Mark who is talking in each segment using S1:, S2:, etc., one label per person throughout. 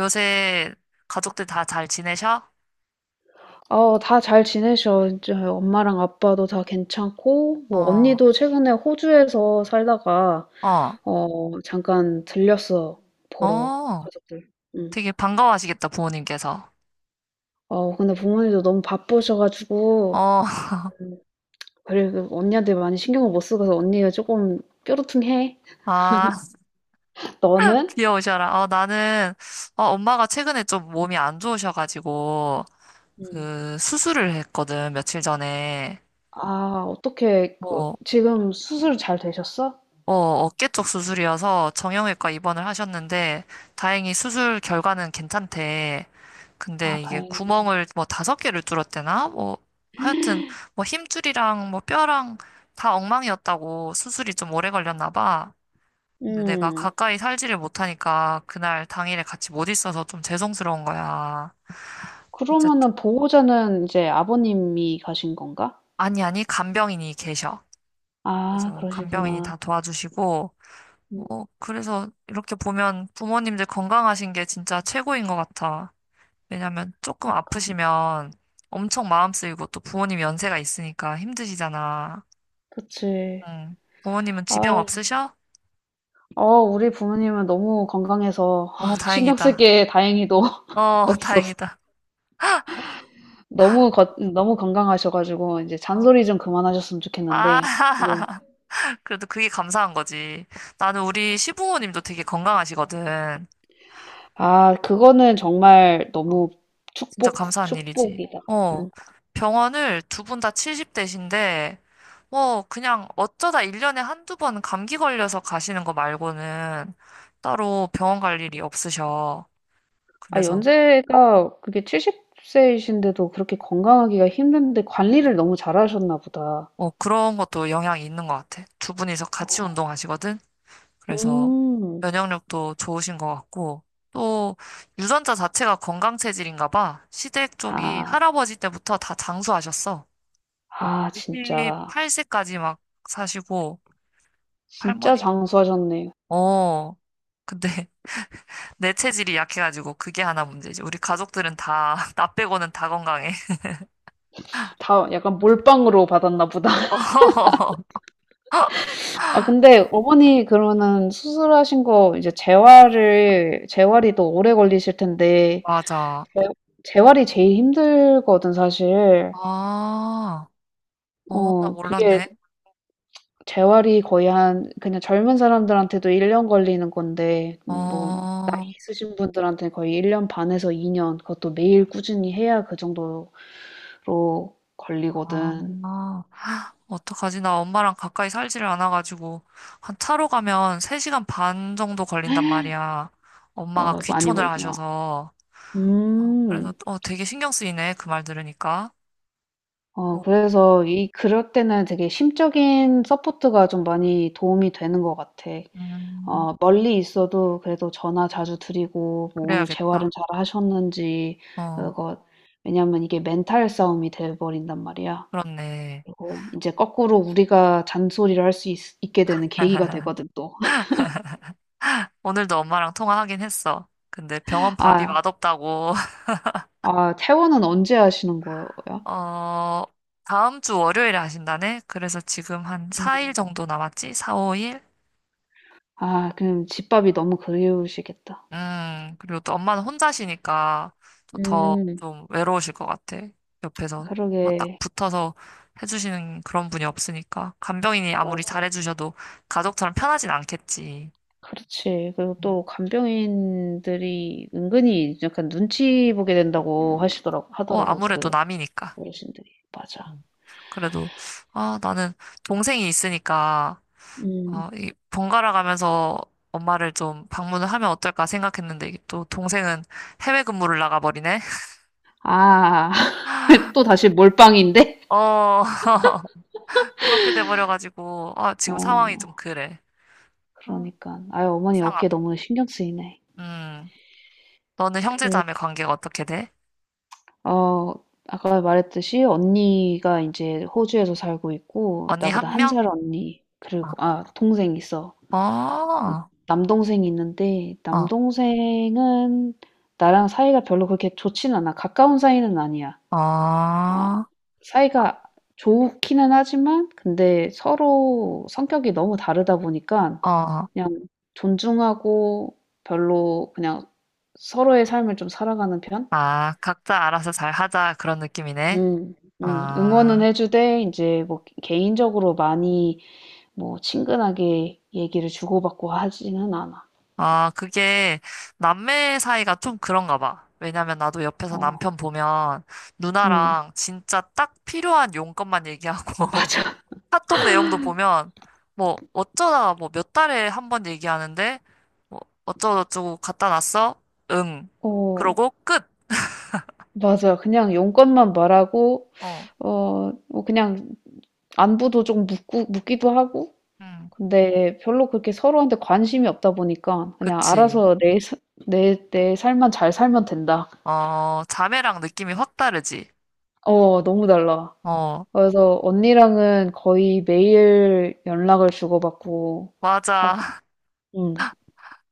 S1: 요새 가족들 다 잘 지내셔?
S2: 어, 다 잘 지내셔. 이제 엄마랑 아빠도 다 괜찮고, 뭐,
S1: 어,
S2: 언니도 최근에 호주에서 살다가,
S1: 어,
S2: 어, 잠깐 들렸어. 보러,
S1: 어.
S2: 가족들. 응.
S1: 되게 반가워하시겠다, 부모님께서.
S2: 어, 근데 부모님도 너무 바쁘셔가지고,
S1: 어,
S2: 음, 그리고 언니한테 많이 신경을 못 쓰고 서 언니가 조금 뾰루퉁해.
S1: 아,
S2: 너는?
S1: 귀여우셔라. 어, 나는, 어, 엄마가 최근에 좀 몸이 안 좋으셔가지고,
S2: 응.
S1: 그, 수술을 했거든, 며칠 전에.
S2: 아, 어떻게, 그,
S1: 뭐,
S2: 지금 수술 잘 되셨어?
S1: 어, 어깨 쪽 수술이어서 정형외과 입원을 하셨는데 다행히 수술 결과는 괜찮대.
S2: 아,
S1: 근데 이게
S2: 다행이네.
S1: 구멍을 뭐 다섯 개를 뚫었대나? 뭐 하여튼 뭐 힘줄이랑 뭐 뼈랑 다 엉망이었다고 수술이 좀 오래 걸렸나 봐. 근데 내가
S2: 음,
S1: 가까이 살지를 못하니까 그날 당일에 같이 못 있어서 좀 죄송스러운 거야. 어쨌든
S2: 그러면은 보호자는 이제 아버님이 가신 건가?
S1: 아니 아니 간병인이 계셔.
S2: 아
S1: 그래서 간병인이
S2: 그러시구나.
S1: 다 도와주시고
S2: 음.
S1: 어, 그래서 이렇게 보면 부모님들 건강하신 게 진짜 최고인 것 같아. 왜냐면 조금
S2: 그니까.
S1: 아프시면 엄청 마음 쓰이고 또 부모님 연세가 있으니까 힘드시잖아.
S2: 그치.
S1: 응. 부모님은 지병
S2: 아.
S1: 없으셔?
S2: 어 우리 부모님은 너무 건강해서
S1: 어,
S2: 신경 쓸
S1: 다행이다.
S2: 게 다행히도
S1: 어,
S2: 없었어.
S1: 다행이다.
S2: 너무 건강하셔 가지고 이제
S1: 어.
S2: 잔소리 좀 그만하셨으면
S1: 아,
S2: 좋겠는데 예.
S1: 그래도 그게 감사한 거지. 나는 우리 시부모님도 되게 건강하시거든.
S2: 아 그거는 정말
S1: 어.
S2: 너무
S1: 진짜
S2: 축복,
S1: 감사한 일이지.
S2: 축복이다.
S1: 어,
S2: 음.
S1: 병원을 두 분 다 70대신데, 뭐, 그냥 어쩌다 1년에 한두 번 감기 걸려서 가시는 거 말고는 따로 병원 갈 일이 없으셔.
S2: 아
S1: 그래서,
S2: 연세가 그게 70 세이신데도 그렇게 건강하기가 힘든데 관리를 너무 잘하셨나 보다.
S1: 어, 그런 것도 영향이 있는 것 같아. 두 분이서 같이 운동하시거든? 그래서
S2: 음.
S1: 면역력도 좋으신 것 같고, 또 유전자 자체가 건강 체질인가 봐. 시댁 쪽이
S2: 아.
S1: 할아버지 때부터 다 장수하셨어.
S2: 아 진짜.
S1: 98세까지 막 사시고,
S2: 진짜 장수하셨네.
S1: 어. 근데 내 체질이 약해가지고 그게 하나 문제지. 우리 가족들은 다, 나 빼고는 다 건강해.
S2: 다 약간 몰빵으로 받았나 보다.
S1: 어,
S2: 아, 근데 어머니 그러면은 수술하신 거 이제 재활을, 재활이 또 오래 걸리실 텐데,
S1: 맞아.
S2: 재- 재활이 제일 힘들거든, 사실.
S1: 아, 어, 나
S2: 어, 그게
S1: 몰랐네.
S2: 재활이 거의 한, 그냥 젊은 사람들한테도 1년 걸리는 건데, 뭐,
S1: 어,
S2: 있으신 분들한테는 거의 1년 반에서 2년, 그것도 매일 꾸준히 해야 그 정도로 걸리거든.
S1: 아, 어떡하지? 나 엄마랑 가까이 살지를 않아가지고, 한 차로 가면 3시간 반 정도 걸린단 말이야. 엄마가
S2: 어, 많이
S1: 귀촌을
S2: 걸리구나.
S1: 하셔서. 어, 그래서,
S2: 음.
S1: 어, 되게 신경 쓰이네. 그 말 들으니까.
S2: 어
S1: 어,
S2: 그래서 이 그럴 때는 되게 심적인 서포트가 좀 많이 도움이 되는 것 같아.
S1: 음,
S2: 어 멀리 있어도 그래도 전화 자주 드리고 뭐 오늘 재활은
S1: 그래야겠다.
S2: 잘 하셨는지
S1: 어,
S2: 그거 왜냐면 이게 멘탈 싸움이 돼 버린단 말이야.
S1: 그렇네.
S2: 그리고 이제 거꾸로 우리가 잔소리를 할 수 있 있게 되는 계기가 되거든 또.
S1: 오늘도 엄마랑 통화하긴 했어. 근데 병원 밥이
S2: "아
S1: 맛없다고.
S2: 아 퇴원은 언제 하시는 거야?"
S1: 어, 다음 주 월요일에 하신다네? 그래서 지금 한
S2: 음.
S1: 4일 정도 남았지? 4, 5일?
S2: 아 그럼 집밥이 너무 그리우시겠다.
S1: 그리고 또 엄마는 혼자시니까 또 더
S2: 음.
S1: 좀 외로우실 것 같아. 옆에서 뭐딱
S2: 그러게.
S1: 붙어서 해주시는 그런 분이 없으니까. 간병인이 아무리
S2: 맞아.
S1: 잘해주셔도 가족처럼 편하진 않겠지.
S2: 그렇지. 그리고
S1: 음.
S2: 또 간병인들이 은근히 약간 눈치 보게 된다고
S1: 어,
S2: 하더라고,
S1: 아무래도
S2: 그
S1: 남이니까.
S2: 어르신들이. 맞아.
S1: 음. 그래도, 아, 나는 동생이 있으니까
S2: 음.
S1: 어, 이 번갈아 가면서 엄마를 좀 방문을 하면 어떨까 생각했는데 이게 또 동생은 해외 근무를 나가버리네.
S2: 아, 또 다시 몰빵인데?
S1: 어, 그렇게 돼버려가지고 아, 지금 상황이 좀
S2: 어,
S1: 그래. 어,
S2: 그러니까. 아유, 어머니 어깨
S1: 이상하다.
S2: 너무 신경 쓰이네.
S1: 음, 너는 형제
S2: 그,
S1: 자매 관계가 어떻게 돼?
S2: 어, 아까 말했듯이 언니가 이제 호주에서 살고 있고,
S1: 언니 한
S2: 나보다 한
S1: 명?
S2: 살 언니,
S1: 어,
S2: 그리고, 아, 동생 있어.
S1: 어,
S2: 남동생이 있는데
S1: 어,
S2: 남동생은 나랑 사이가 별로 그렇게 좋진 않아. 가까운 사이는 아니야.
S1: 어, 어.
S2: 어, 사이가 좋기는 하지만 근데 서로 성격이 너무 다르다 보니까
S1: 어.
S2: 그냥 존중하고 별로 그냥 서로의 삶을 좀 살아가는 편?
S1: 아, 각자 알아서 잘 하자 그런 느낌이네.
S2: 음, 응원은
S1: 아.
S2: 해주되 이제 뭐 개인적으로 많이 뭐 친근하게 얘기를 주고받고 하지는 않아.
S1: 아, 그게 남매 사이가 좀 그런가 봐. 왜냐면 나도 옆에서
S2: 어,
S1: 남편 보면
S2: 음,
S1: 누나랑 진짜 딱 필요한 용건만 얘기하고
S2: 맞아.
S1: 카톡 내용도 보면 뭐 어쩌다가 뭐 몇 달에 한 번 얘기하는데 뭐 어쩌고저쩌고 갖다 놨어? 응.
S2: 어,
S1: 그러고 끝.
S2: 맞아. 그냥 용건만 말하고,
S1: 어.
S2: 어, 뭐 그냥 안부도 좀 묻고, 묻기도 하고,
S1: 음.
S2: 근데 별로 그렇게 서로한테 관심이 없다 보니까 그냥
S1: 그치.
S2: 알아서 내, 내 삶만 잘 살면 된다.
S1: 어, 자매랑 느낌이 확 다르지.
S2: 어, 너무 달라.
S1: 어,
S2: 그래서 언니랑은 거의 매일 연락을 주고받고 하고,
S1: 맞아.
S2: 응,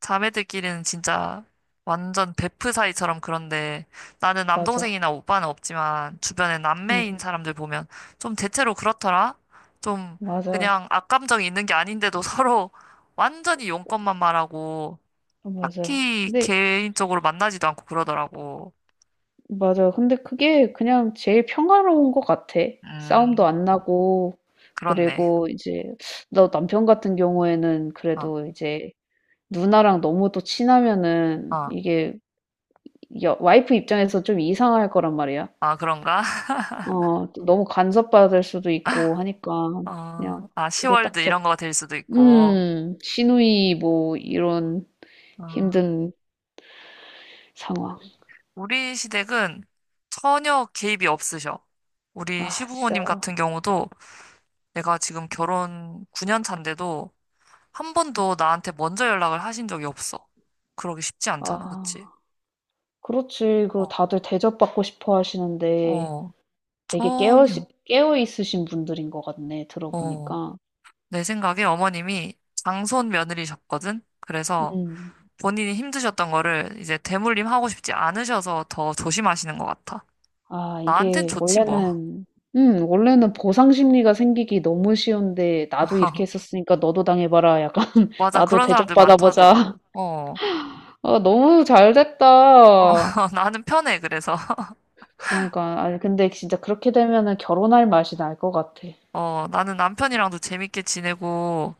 S1: 자매들끼리는 진짜 완전 베프 사이처럼 그런데 나는
S2: 맞아.
S1: 남동생이나 오빠는 없지만 주변에
S2: 응,
S1: 남매인 사람들 보면 좀 대체로 그렇더라. 좀
S2: 맞아.
S1: 그냥 악감정이 있는 게 아닌데도 서로 완전히 용건만 말하고
S2: 맞아.
S1: 딱히
S2: 근데
S1: 개인적으로 만나지도 않고 그러더라고.
S2: 맞아. 근데 그게 그냥 제일 평화로운 것 같아. 싸움도
S1: 음,
S2: 안 나고,
S1: 그렇네.
S2: 그리고 이제, 너 남편 같은 경우에는
S1: 어,
S2: 그래도 이제 누나랑 너무 또 친하면은
S1: 어,
S2: 이게 여, 와이프 입장에서 좀 이상할 거란 말이야.
S1: 아, 그런가?
S2: 어, 또 너무 간섭받을 수도 있고 하니까 그냥
S1: 어, 아,
S2: 그게
S1: 시월드
S2: 딱
S1: 이런
S2: 적,
S1: 거가 될 수도 있고.
S2: 시누이 뭐 이런
S1: 어.
S2: 힘든 상황.
S1: 우리 시댁은 전혀 개입이 없으셔. 우리
S2: 아, 진짜.
S1: 시부모님 같은 경우도 내가 지금 결혼 9년 차인데도 한 번도 나한테 먼저 연락을 하신 적이 없어. 그러기 쉽지 않잖아, 그치?
S2: 아, 그렇지. 그리고
S1: 어,
S2: 다들 대접받고 싶어 하시는데.
S1: 어,
S2: 되게
S1: 전혀.
S2: 깨어 있으신 분들인 것 같네
S1: 어,
S2: 들어보니까.
S1: 내 생각에 어머님이 장손 며느리셨거든? 그래서
S2: 음.
S1: 본인이 힘드셨던 거를 이제 대물림 하고 싶지 않으셔서 더 조심하시는 것 같아.
S2: 아
S1: 나한텐
S2: 이게
S1: 좋지, 뭐.
S2: 원래는 원래는 보상 심리가 생기기 너무 쉬운데 "나도 이렇게 했었으니까 너도 당해봐라." 약간
S1: 맞아,
S2: "나도
S1: 그런 사람들
S2: 대접받아보자."
S1: 많다더라고. 어.
S2: 아 너무 잘
S1: 어,
S2: 됐다.
S1: 나는 편해, 그래서.
S2: 그러니까 아니 근데 진짜 그렇게 되면은 결혼할 맛이 날 것 같아.
S1: 어, 나는 남편이랑도 재밌게 지내고,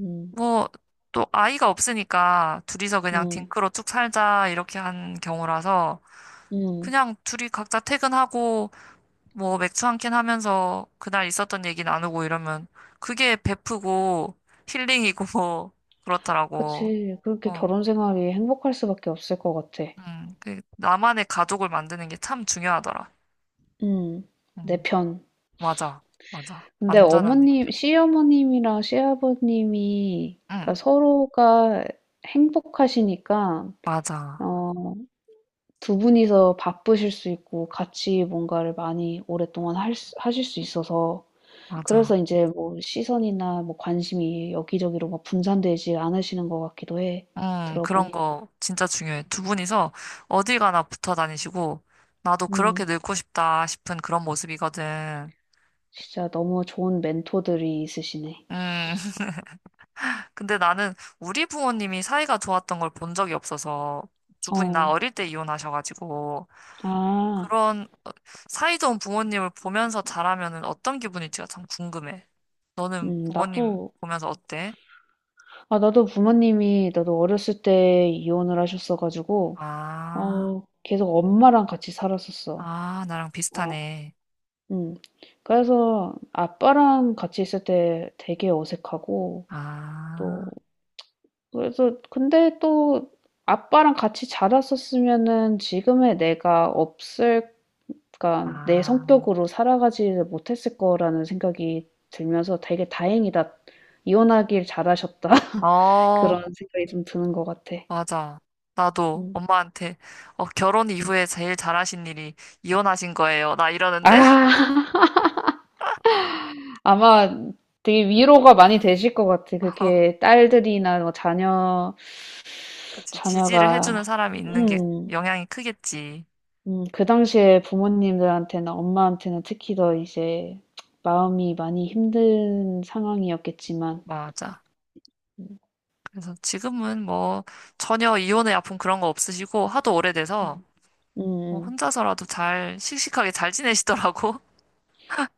S2: 음.
S1: 뭐, 또 아이가 없으니까 둘이서 그냥
S2: 음.
S1: 딩크로 쭉 살자, 이렇게 한 경우라서,
S2: 음.
S1: 그냥 둘이 각자 퇴근하고, 뭐, 맥주 한 캔 하면서 그날 있었던 얘기 나누고 이러면, 그게 베프고, 힐링이고, 뭐, 그렇더라고.
S2: 그치. 그렇게
S1: 어,
S2: 결혼 생활이 행복할 수밖에 없을 것 같아.
S1: 그, 나만의 가족을 만드는 게 참 중요하더라.
S2: 음. 내
S1: 음,
S2: 편.
S1: 맞아, 맞아.
S2: 근데
S1: 완전한 내
S2: 어머님,
S1: 편.
S2: 시어머님이랑 시아버님이
S1: 응,
S2: 그러니까 서로가 행복하시니까
S1: 맞아,
S2: 어, 두 분이서 바쁘실 수 있고 같이 뭔가를 많이 오랫동안 하실 수 있어서 그래서
S1: 맞아.
S2: 이제 뭐 시선이나 뭐 관심이 여기저기로 막 분산되지 않으시는 것 같기도 해.
S1: 그런
S2: 들어보니까.
S1: 거 진짜 중요해. 두 분이서 어디 가나 붙어 다니시고, 나도 그렇게
S2: 음.
S1: 늙고 싶다 싶은 그런 모습이거든.
S2: 진짜 너무 좋은 멘토들이 있으시네.
S1: 음, 근데 나는 우리 부모님이 사이가 좋았던 걸 본 적이 없어서, 두 분이 나
S2: 어.
S1: 어릴 때 이혼하셔가지고,
S2: 아.
S1: 그런 어, 사이좋은 부모님을 보면서 자라면은 어떤 기분일지가 참 궁금해. 너는 부모님
S2: 나도
S1: 보면서 어때?
S2: 아, 나도 부모님이, 나도 어렸을 때 이혼을 하셨어가지고,
S1: 아,
S2: 어, 계속 엄마랑 같이 살았었어.
S1: 아, 나랑
S2: 어,
S1: 비슷하네.
S2: 음. 그래서 아빠랑 같이 있을 때 되게 어색하고, 또,
S1: 아,
S2: 그래서, 근데 또 아빠랑 같이 자랐었으면은 지금의 내가 없을, 그러니까 내
S1: 아.
S2: 성격으로 살아가지 못했을 거라는 생각이 들면서 되게 다행이다. 이혼하길 잘하셨다.
S1: 어,
S2: 그런 생각이 좀 드는 것 같아.
S1: 맞아. 나도
S2: 음.
S1: 엄마한테 어, 결혼 이후에 제일 잘하신 일이 이혼하신 거예요. 나 이러는데.
S2: 아, 아마 되게 위로가 많이 되실 것 같아.
S1: 어,
S2: 그렇게 딸들이나 뭐 자녀,
S1: 그치. 지지를 해주는
S2: 자녀가,
S1: 사람이 있는 게
S2: 음,
S1: 영향이 크겠지.
S2: 그 당시에 부모님들한테나 엄마한테는 특히 더 이제 마음이 많이 힘든 상황이었겠지만,
S1: 맞아. 그래서 지금은 뭐 전혀 이혼의 아픔 그런 거 없으시고 하도 오래돼서
S2: 음, 음,
S1: 뭐
S2: 음.
S1: 혼자서라도 잘 씩씩하게 잘 지내시더라고.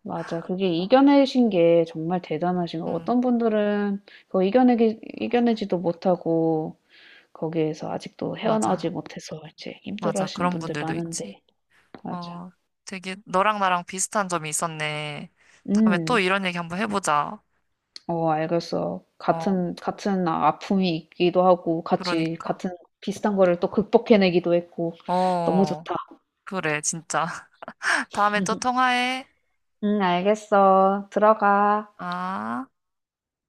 S2: 맞아. 그게
S1: 어,
S2: 이겨내신 게 정말 대단하신 거.
S1: 응,
S2: 어떤 분들은 그거 이겨내지도 못하고, 거기에서 아직도
S1: 맞아.
S2: 헤어나오지 못해서 이제 힘들어
S1: 맞아.
S2: 하시는
S1: 그런
S2: 분들
S1: 분들도 있지.
S2: 많은데, 맞아.
S1: 어, 되게 너랑 나랑 비슷한 점이 있었네. 다음에 또
S2: 음.
S1: 이런 얘기 한번 해보자.
S2: 어 알겠어.
S1: 어,
S2: 같은 아픔이 있기도 하고 같이
S1: 그러니까.
S2: 같은 비슷한 거를 또 극복해 내기도 했고 너무
S1: 어,
S2: 좋다.
S1: 그래, 진짜. 다음에 또 통화해.
S2: 응 알겠어. 들어가.
S1: 아.